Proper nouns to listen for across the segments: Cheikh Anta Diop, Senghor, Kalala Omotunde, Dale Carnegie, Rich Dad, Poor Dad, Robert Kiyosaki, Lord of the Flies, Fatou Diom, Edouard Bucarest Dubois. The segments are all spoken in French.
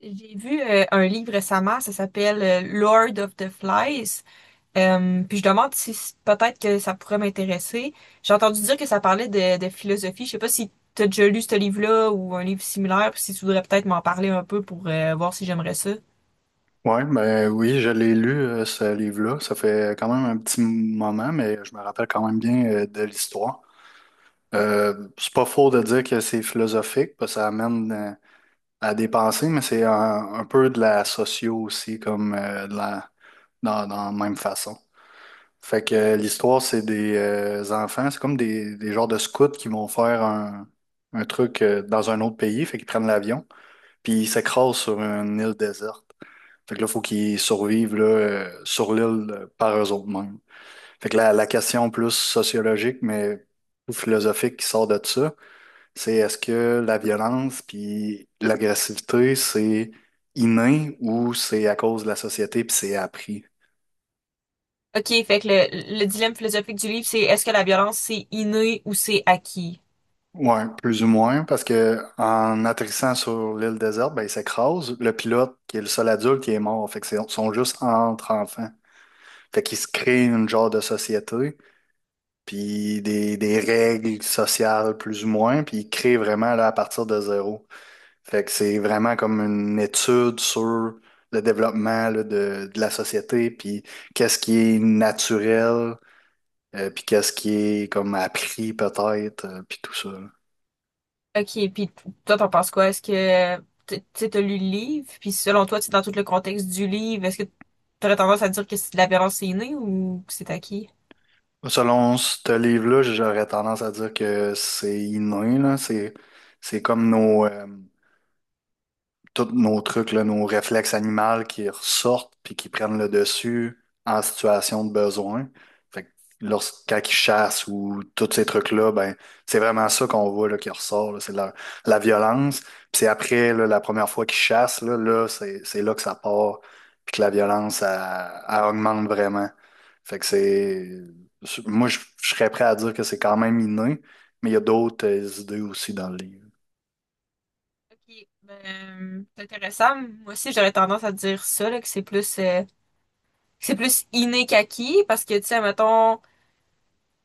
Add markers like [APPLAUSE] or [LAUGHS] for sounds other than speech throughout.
J'ai vu un livre récemment, ça s'appelle Lord of the Flies. Puis je demande si peut-être que ça pourrait m'intéresser. J'ai entendu dire que ça parlait de philosophie. Je sais pas si tu as déjà lu ce livre-là ou un livre similaire, puis si tu voudrais peut-être m'en parler un peu pour voir si j'aimerais ça. Ouais, ben oui, je l'ai lu, ce livre-là. Ça fait quand même un petit moment, mais je me rappelle quand même bien de l'histoire. C'est pas faux de dire que c'est philosophique, parce que ça amène à des pensées, mais c'est un peu de la socio aussi, comme de dans la même façon. Fait que l'histoire, c'est des enfants, c'est comme des genres de scouts qui vont faire un truc dans un autre pays, fait qu'ils prennent l'avion, puis ils s'écrasent sur une île déserte. Fait que là, il faut qu'ils survivent là, sur l'île par eux-mêmes. Fait que la question plus sociologique, mais ou philosophique qui sort de ça, c'est est-ce que la violence puis l'agressivité, c'est inné ou c'est à cause de la société puis c'est appris? OK, fait que le dilemme philosophique du livre, c'est est-ce que la violence c'est inné ou c'est acquis? Ouais, plus ou moins, parce que en atterrissant sur l'île déserte, ben, il s'écrase. Le pilote, qui est le seul adulte, il est mort. Fait que ils sont juste entre enfants. Fait qu'ils se créent une genre de société, puis des règles sociales plus ou moins, puis il crée vraiment là, à partir de zéro. Fait que c'est vraiment comme une étude sur le développement là, de la société, puis qu'est-ce qui est naturel, puis qu'est-ce qui est comme appris peut-être, puis tout ça. Là. OK, puis toi, t'en penses quoi? Tu sais, t'as lu le livre, puis selon toi, tu sais, dans tout le contexte du livre, est-ce que t'aurais tendance à dire que c'est de la violence est innée ou que c'est acquis? Selon ce livre-là, j'aurais tendance à dire que c'est inné, là. C'est comme nos, tous nos trucs, là, nos réflexes animaux qui ressortent puis qui prennent le dessus en situation de besoin. Fait que lorsque, chassent ou tous ces trucs-là, ben, c'est vraiment ça qu'on voit là, qui ressort. Là. C'est de la violence. Puis c'est après, là, la première fois qu'ils chassent, là, là, c'est là que ça part puis que la violence, elle, elle augmente vraiment. Fait que c'est... Moi, je serais prêt à dire que c'est quand même inné, mais il y a d'autres idées aussi dans le livre. OK, ben, c'est intéressant. Moi aussi, j'aurais tendance à dire ça, là, que c'est plus inné qu'acquis, parce que, tu sais, mettons,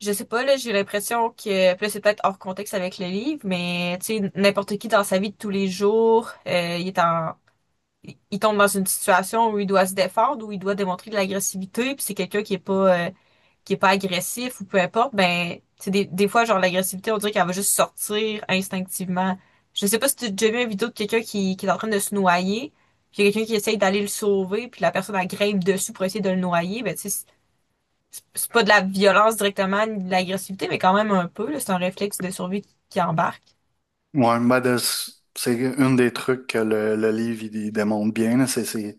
je sais pas, là, j'ai l'impression que, puis là, c'est peut-être hors contexte avec le livre, mais, tu sais, n'importe qui dans sa vie de tous les jours, il tombe dans une situation où il doit se défendre, où il doit démontrer de l'agressivité, puis c'est quelqu'un qui est pas agressif ou peu importe, ben c'est des fois genre l'agressivité, on dirait qu'elle va juste sortir instinctivement. Je sais pas si tu as déjà vu une vidéo de quelqu'un qui est en train de se noyer, puis il y a quelqu'un qui essaye d'aller le sauver, puis la personne elle grimpe dessus pour essayer de le noyer, ben tu sais c'est pas de la violence directement, ni de l'agressivité, mais quand même un peu là, c'est un réflexe de survie qui embarque. Ouais, c'est un des trucs que le livre il démontre bien, là, c'est ces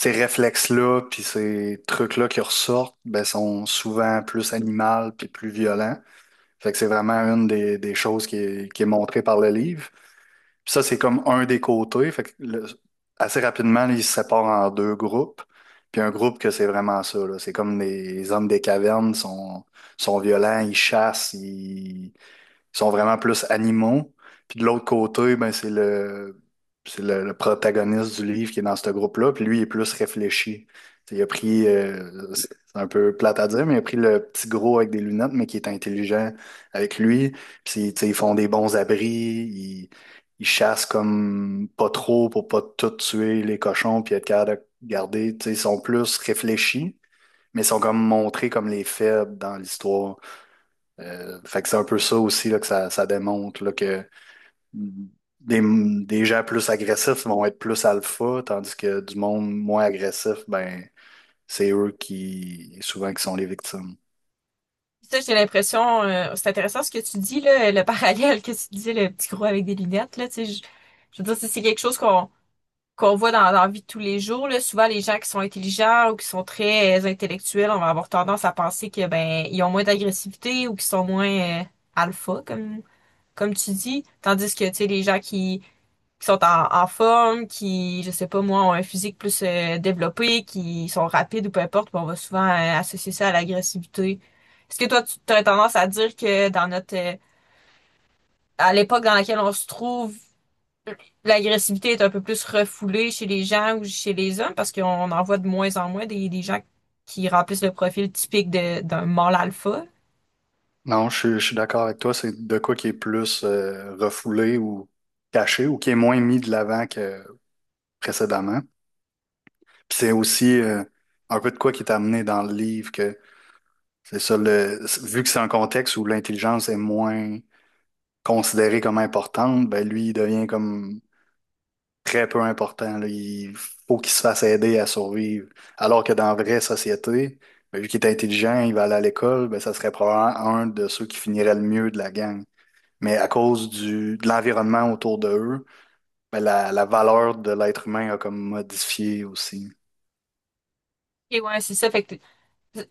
ces réflexes-là, puis ces trucs-là qui ressortent, ben, sont souvent plus animaux puis plus violents. Fait que c'est vraiment une des choses qui est montrée par le livre. Puis ça, c'est comme un des côtés. Assez rapidement, là, ils se séparent en deux groupes. Puis un groupe que c'est vraiment ça, là. C'est comme des les hommes des cavernes sont, sont violents, ils chassent, sont vraiment plus animaux. Puis de l'autre côté, ben, c'est c'est le protagoniste du livre qui est dans ce groupe-là. Puis lui, il est plus réfléchi. T'sais, il a pris, c'est un peu plate à dire, mais il a pris le petit gros avec des lunettes, mais qui est intelligent avec lui. Puis t'sais, ils font des bons abris, ils chassent comme pas trop pour pas tout tuer les cochons, puis être capable de garder. T'sais, ils sont plus réfléchis, mais ils sont comme montrés comme les faibles dans l'histoire. Fait que c'est un peu ça aussi là, que ça démontre là, que des gens plus agressifs vont être plus alpha, tandis que du monde moins agressif, ben c'est eux qui souvent qui sont les victimes. Ça, j'ai l'impression, c'est intéressant ce que tu dis, là, le [LAUGHS] parallèle que tu disais, le petit gros avec des lunettes, là, tu sais, je veux dire, c'est quelque chose qu'on voit dans la vie de tous les jours, là. Souvent, les gens qui sont intelligents ou qui sont très intellectuels, on va avoir tendance à penser que, ben, ils ont moins d'agressivité ou qu'ils sont moins alpha, comme tu dis. Tandis que, tu sais, les gens qui sont en forme, qui, je sais pas moi, ont un physique plus développé, qui sont rapides ou peu importe, puis on va souvent associer ça à l'agressivité. Est-ce que toi, tu as tendance à dire que dans notre, à l'époque dans laquelle on se trouve, l'agressivité est un peu plus refoulée chez les gens ou chez les hommes parce qu'on en voit de moins en moins des gens qui remplissent le profil typique d'un mâle alpha? Non, je suis d'accord avec toi, c'est de quoi qui est plus refoulé ou caché ou qui est moins mis de l'avant que précédemment. Puis c'est aussi un peu de quoi qui est amené dans le livre que c'est ça le vu que c'est un contexte où l'intelligence est moins considérée comme importante, ben lui, il devient comme très peu important. Là. Il faut qu'il se fasse aider à survivre. Alors que dans la vraie société, ben, vu qu'il est intelligent, il va aller à l'école, ben, ça serait probablement un de ceux qui finirait le mieux de la gang. Mais à cause du, de l'environnement autour de eux, ben, la valeur de l'être humain a comme modifié aussi. Et ouais, c'est ça. Fait que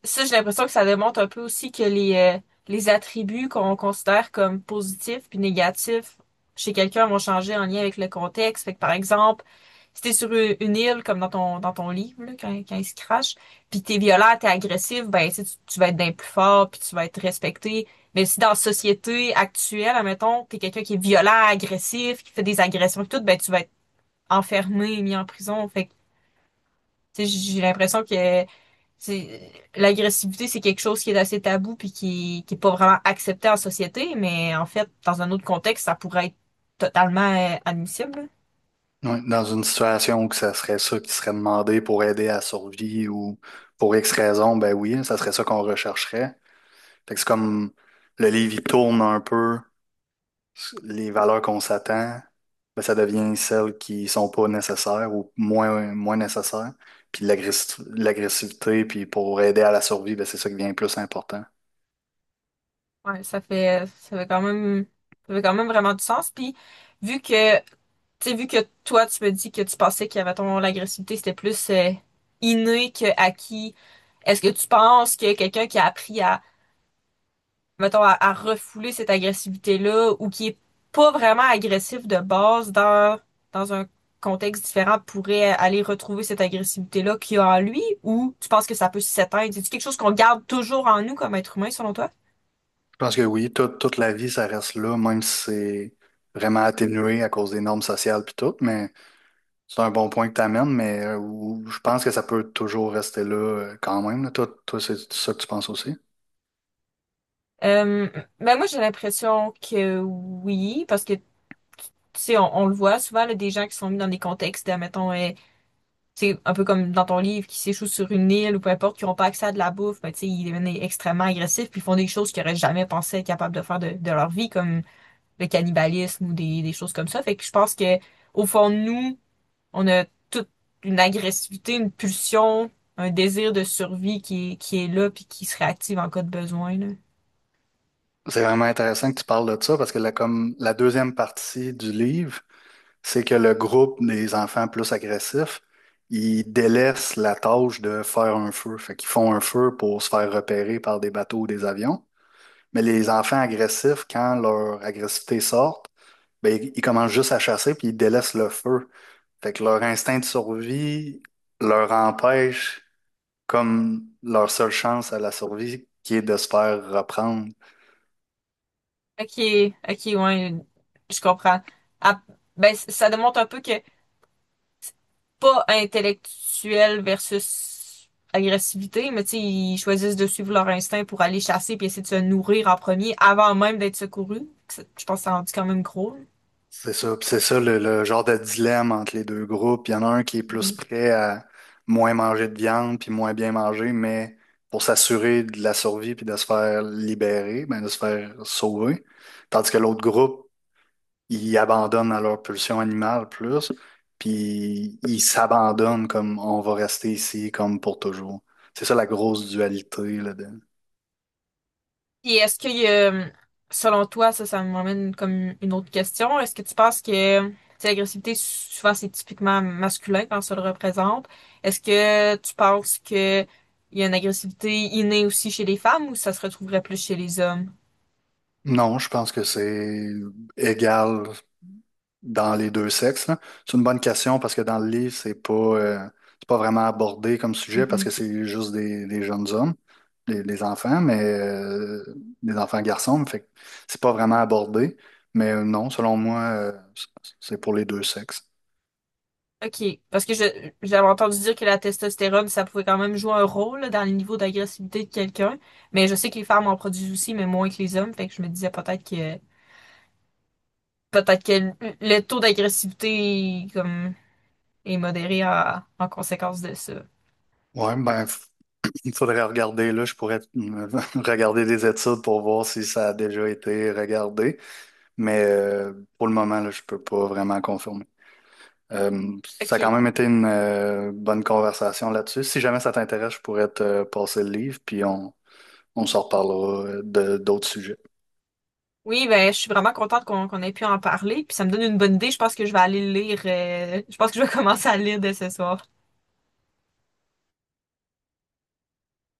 ça, j'ai l'impression que ça démontre un peu aussi que les attributs qu'on considère comme positifs puis négatifs chez quelqu'un vont changer en lien avec le contexte. Fait que, par exemple, si t'es sur une île, comme dans ton livre, là, quand il se crache, puis t'es violent, t'es agressif, ben, sais, tu vas être d'un plus fort, puis tu vas être respecté. Mais si dans la société actuelle, admettons, t'es quelqu'un qui est violent, agressif, qui fait des agressions et tout, ben, tu vas être enfermé, mis en prison. Fait que tu sais, j'ai l'impression que l'agressivité, c'est quelque chose qui est assez tabou puis qui est pas vraiment accepté en société, mais en fait, dans un autre contexte, ça pourrait être totalement admissible. Ouais, dans une situation où que ça serait ça qui serait demandé pour aider à la survie ou pour X raison, ben oui, ça serait ça qu'on rechercherait. Fait que c'est comme le livre, il tourne un peu les valeurs qu'on s'attend, ben, ça devient celles qui sont pas nécessaires ou moins, moins nécessaires. Puis l'agressivité, puis pour aider à la survie, ben, c'est ça qui devient plus important. Là, ouais, ça fait quand même vraiment du sens. Puis, vu que, tu vu que toi, tu me dis que tu pensais qu'il y avait ton l'agressivité, c'était plus inné que acquis, est-ce que tu penses que quelqu'un qui a appris à mettons, à refouler cette agressivité-là ou qui est pas vraiment agressif de base dans un contexte différent pourrait aller retrouver cette agressivité-là qu'il y a en lui ou tu penses que ça peut s'éteindre? C'est-tu quelque chose qu'on garde toujours en nous comme être humain selon toi? Je pense que oui, toute la vie, ça reste là, même si c'est vraiment atténué à cause des normes sociales puis tout, mais c'est un bon point que tu amènes, mais je pense que ça peut toujours rester là quand même. Là. Toi, toi, c'est ça que tu penses aussi. Euh, ben moi j'ai l'impression que oui, parce que tu sais, on le voit souvent là, des gens qui sont mis dans des contextes, mettons, c'est un peu comme dans ton livre, qui s'échouent sur une île ou peu importe, qui n'ont pas accès à de la bouffe, ben, tu sais, ils deviennent extrêmement agressifs, puis ils font des choses qu'ils n'auraient jamais pensé être capables de faire de leur vie, comme le cannibalisme ou des choses comme ça. Fait que je pense que au fond de nous, on a toute une agressivité, une pulsion, un désir de survie qui est là, puis qui se réactive en cas de besoin, là. C'est vraiment intéressant que tu parles de ça parce que la, comme la deuxième partie du livre, c'est que le groupe des enfants plus agressifs, ils délaissent la tâche de faire un feu. Fait qu'ils font un feu pour se faire repérer par des bateaux ou des avions. Mais les enfants agressifs, quand leur agressivité sort, ben, ils commencent juste à chasser puis ils délaissent le feu. Fait que leur instinct de survie leur empêche comme leur seule chance à la survie qui est de se faire reprendre. Ok, ok, ouais, je comprends. Ah, ben, ça démontre un peu que pas intellectuel versus agressivité, mais tu sais, ils choisissent de suivre leur instinct pour aller chasser puis essayer de se nourrir en premier avant même d'être secourus. Je pense que ça rendu quand même gros. C'est ça. Puis c'est ça le genre de dilemme entre les deux groupes. Il y en a un qui est plus Mhm. prêt à moins manger de viande puis moins bien manger, mais pour s'assurer de la survie puis de se faire libérer, ben de se faire sauver. Tandis que l'autre groupe ils abandonnent à leur pulsion animale plus, puis ils s'abandonnent comme on va rester ici comme pour toujours. C'est ça la grosse dualité là-dedans. Et selon toi, ça m'amène comme une autre question. Est-ce que tu penses que, tu sais, l'agressivité, souvent, c'est typiquement masculin quand ça le représente. Est-ce que tu penses que il y a une agressivité innée aussi chez les femmes ou ça se retrouverait plus chez les hommes? Non, je pense que c'est égal dans les deux sexes, là. C'est une bonne question parce que dans le livre, c'est pas vraiment abordé comme sujet parce que c'est juste des jeunes hommes, des enfants, mais des enfants garçons, mais fait que c'est pas vraiment abordé. Mais non, selon moi, c'est pour les deux sexes. OK. Parce que je j'avais entendu dire que la testostérone, ça pouvait quand même jouer un rôle là, dans les niveaux d'agressivité de quelqu'un. Mais je sais que les femmes en produisent aussi, mais moins que les hommes. Fait que je me disais peut-être que le taux d'agressivité comme est modéré en conséquence de ça. Ouais, il faudrait regarder, là, je pourrais [LAUGHS] regarder des études pour voir si ça a déjà été regardé, mais pour le moment, là, je peux pas vraiment confirmer. Ça a OK. quand même été une bonne conversation là-dessus. Si jamais ça t'intéresse, je pourrais te passer le livre, puis on s'en reparlera de d'autres sujets. Oui, ben je suis vraiment contente qu'on ait pu en parler. Puis ça me donne une bonne idée. Je pense que je vais aller le lire. Je pense que je vais [LAUGHS] commencer à le lire dès ce soir.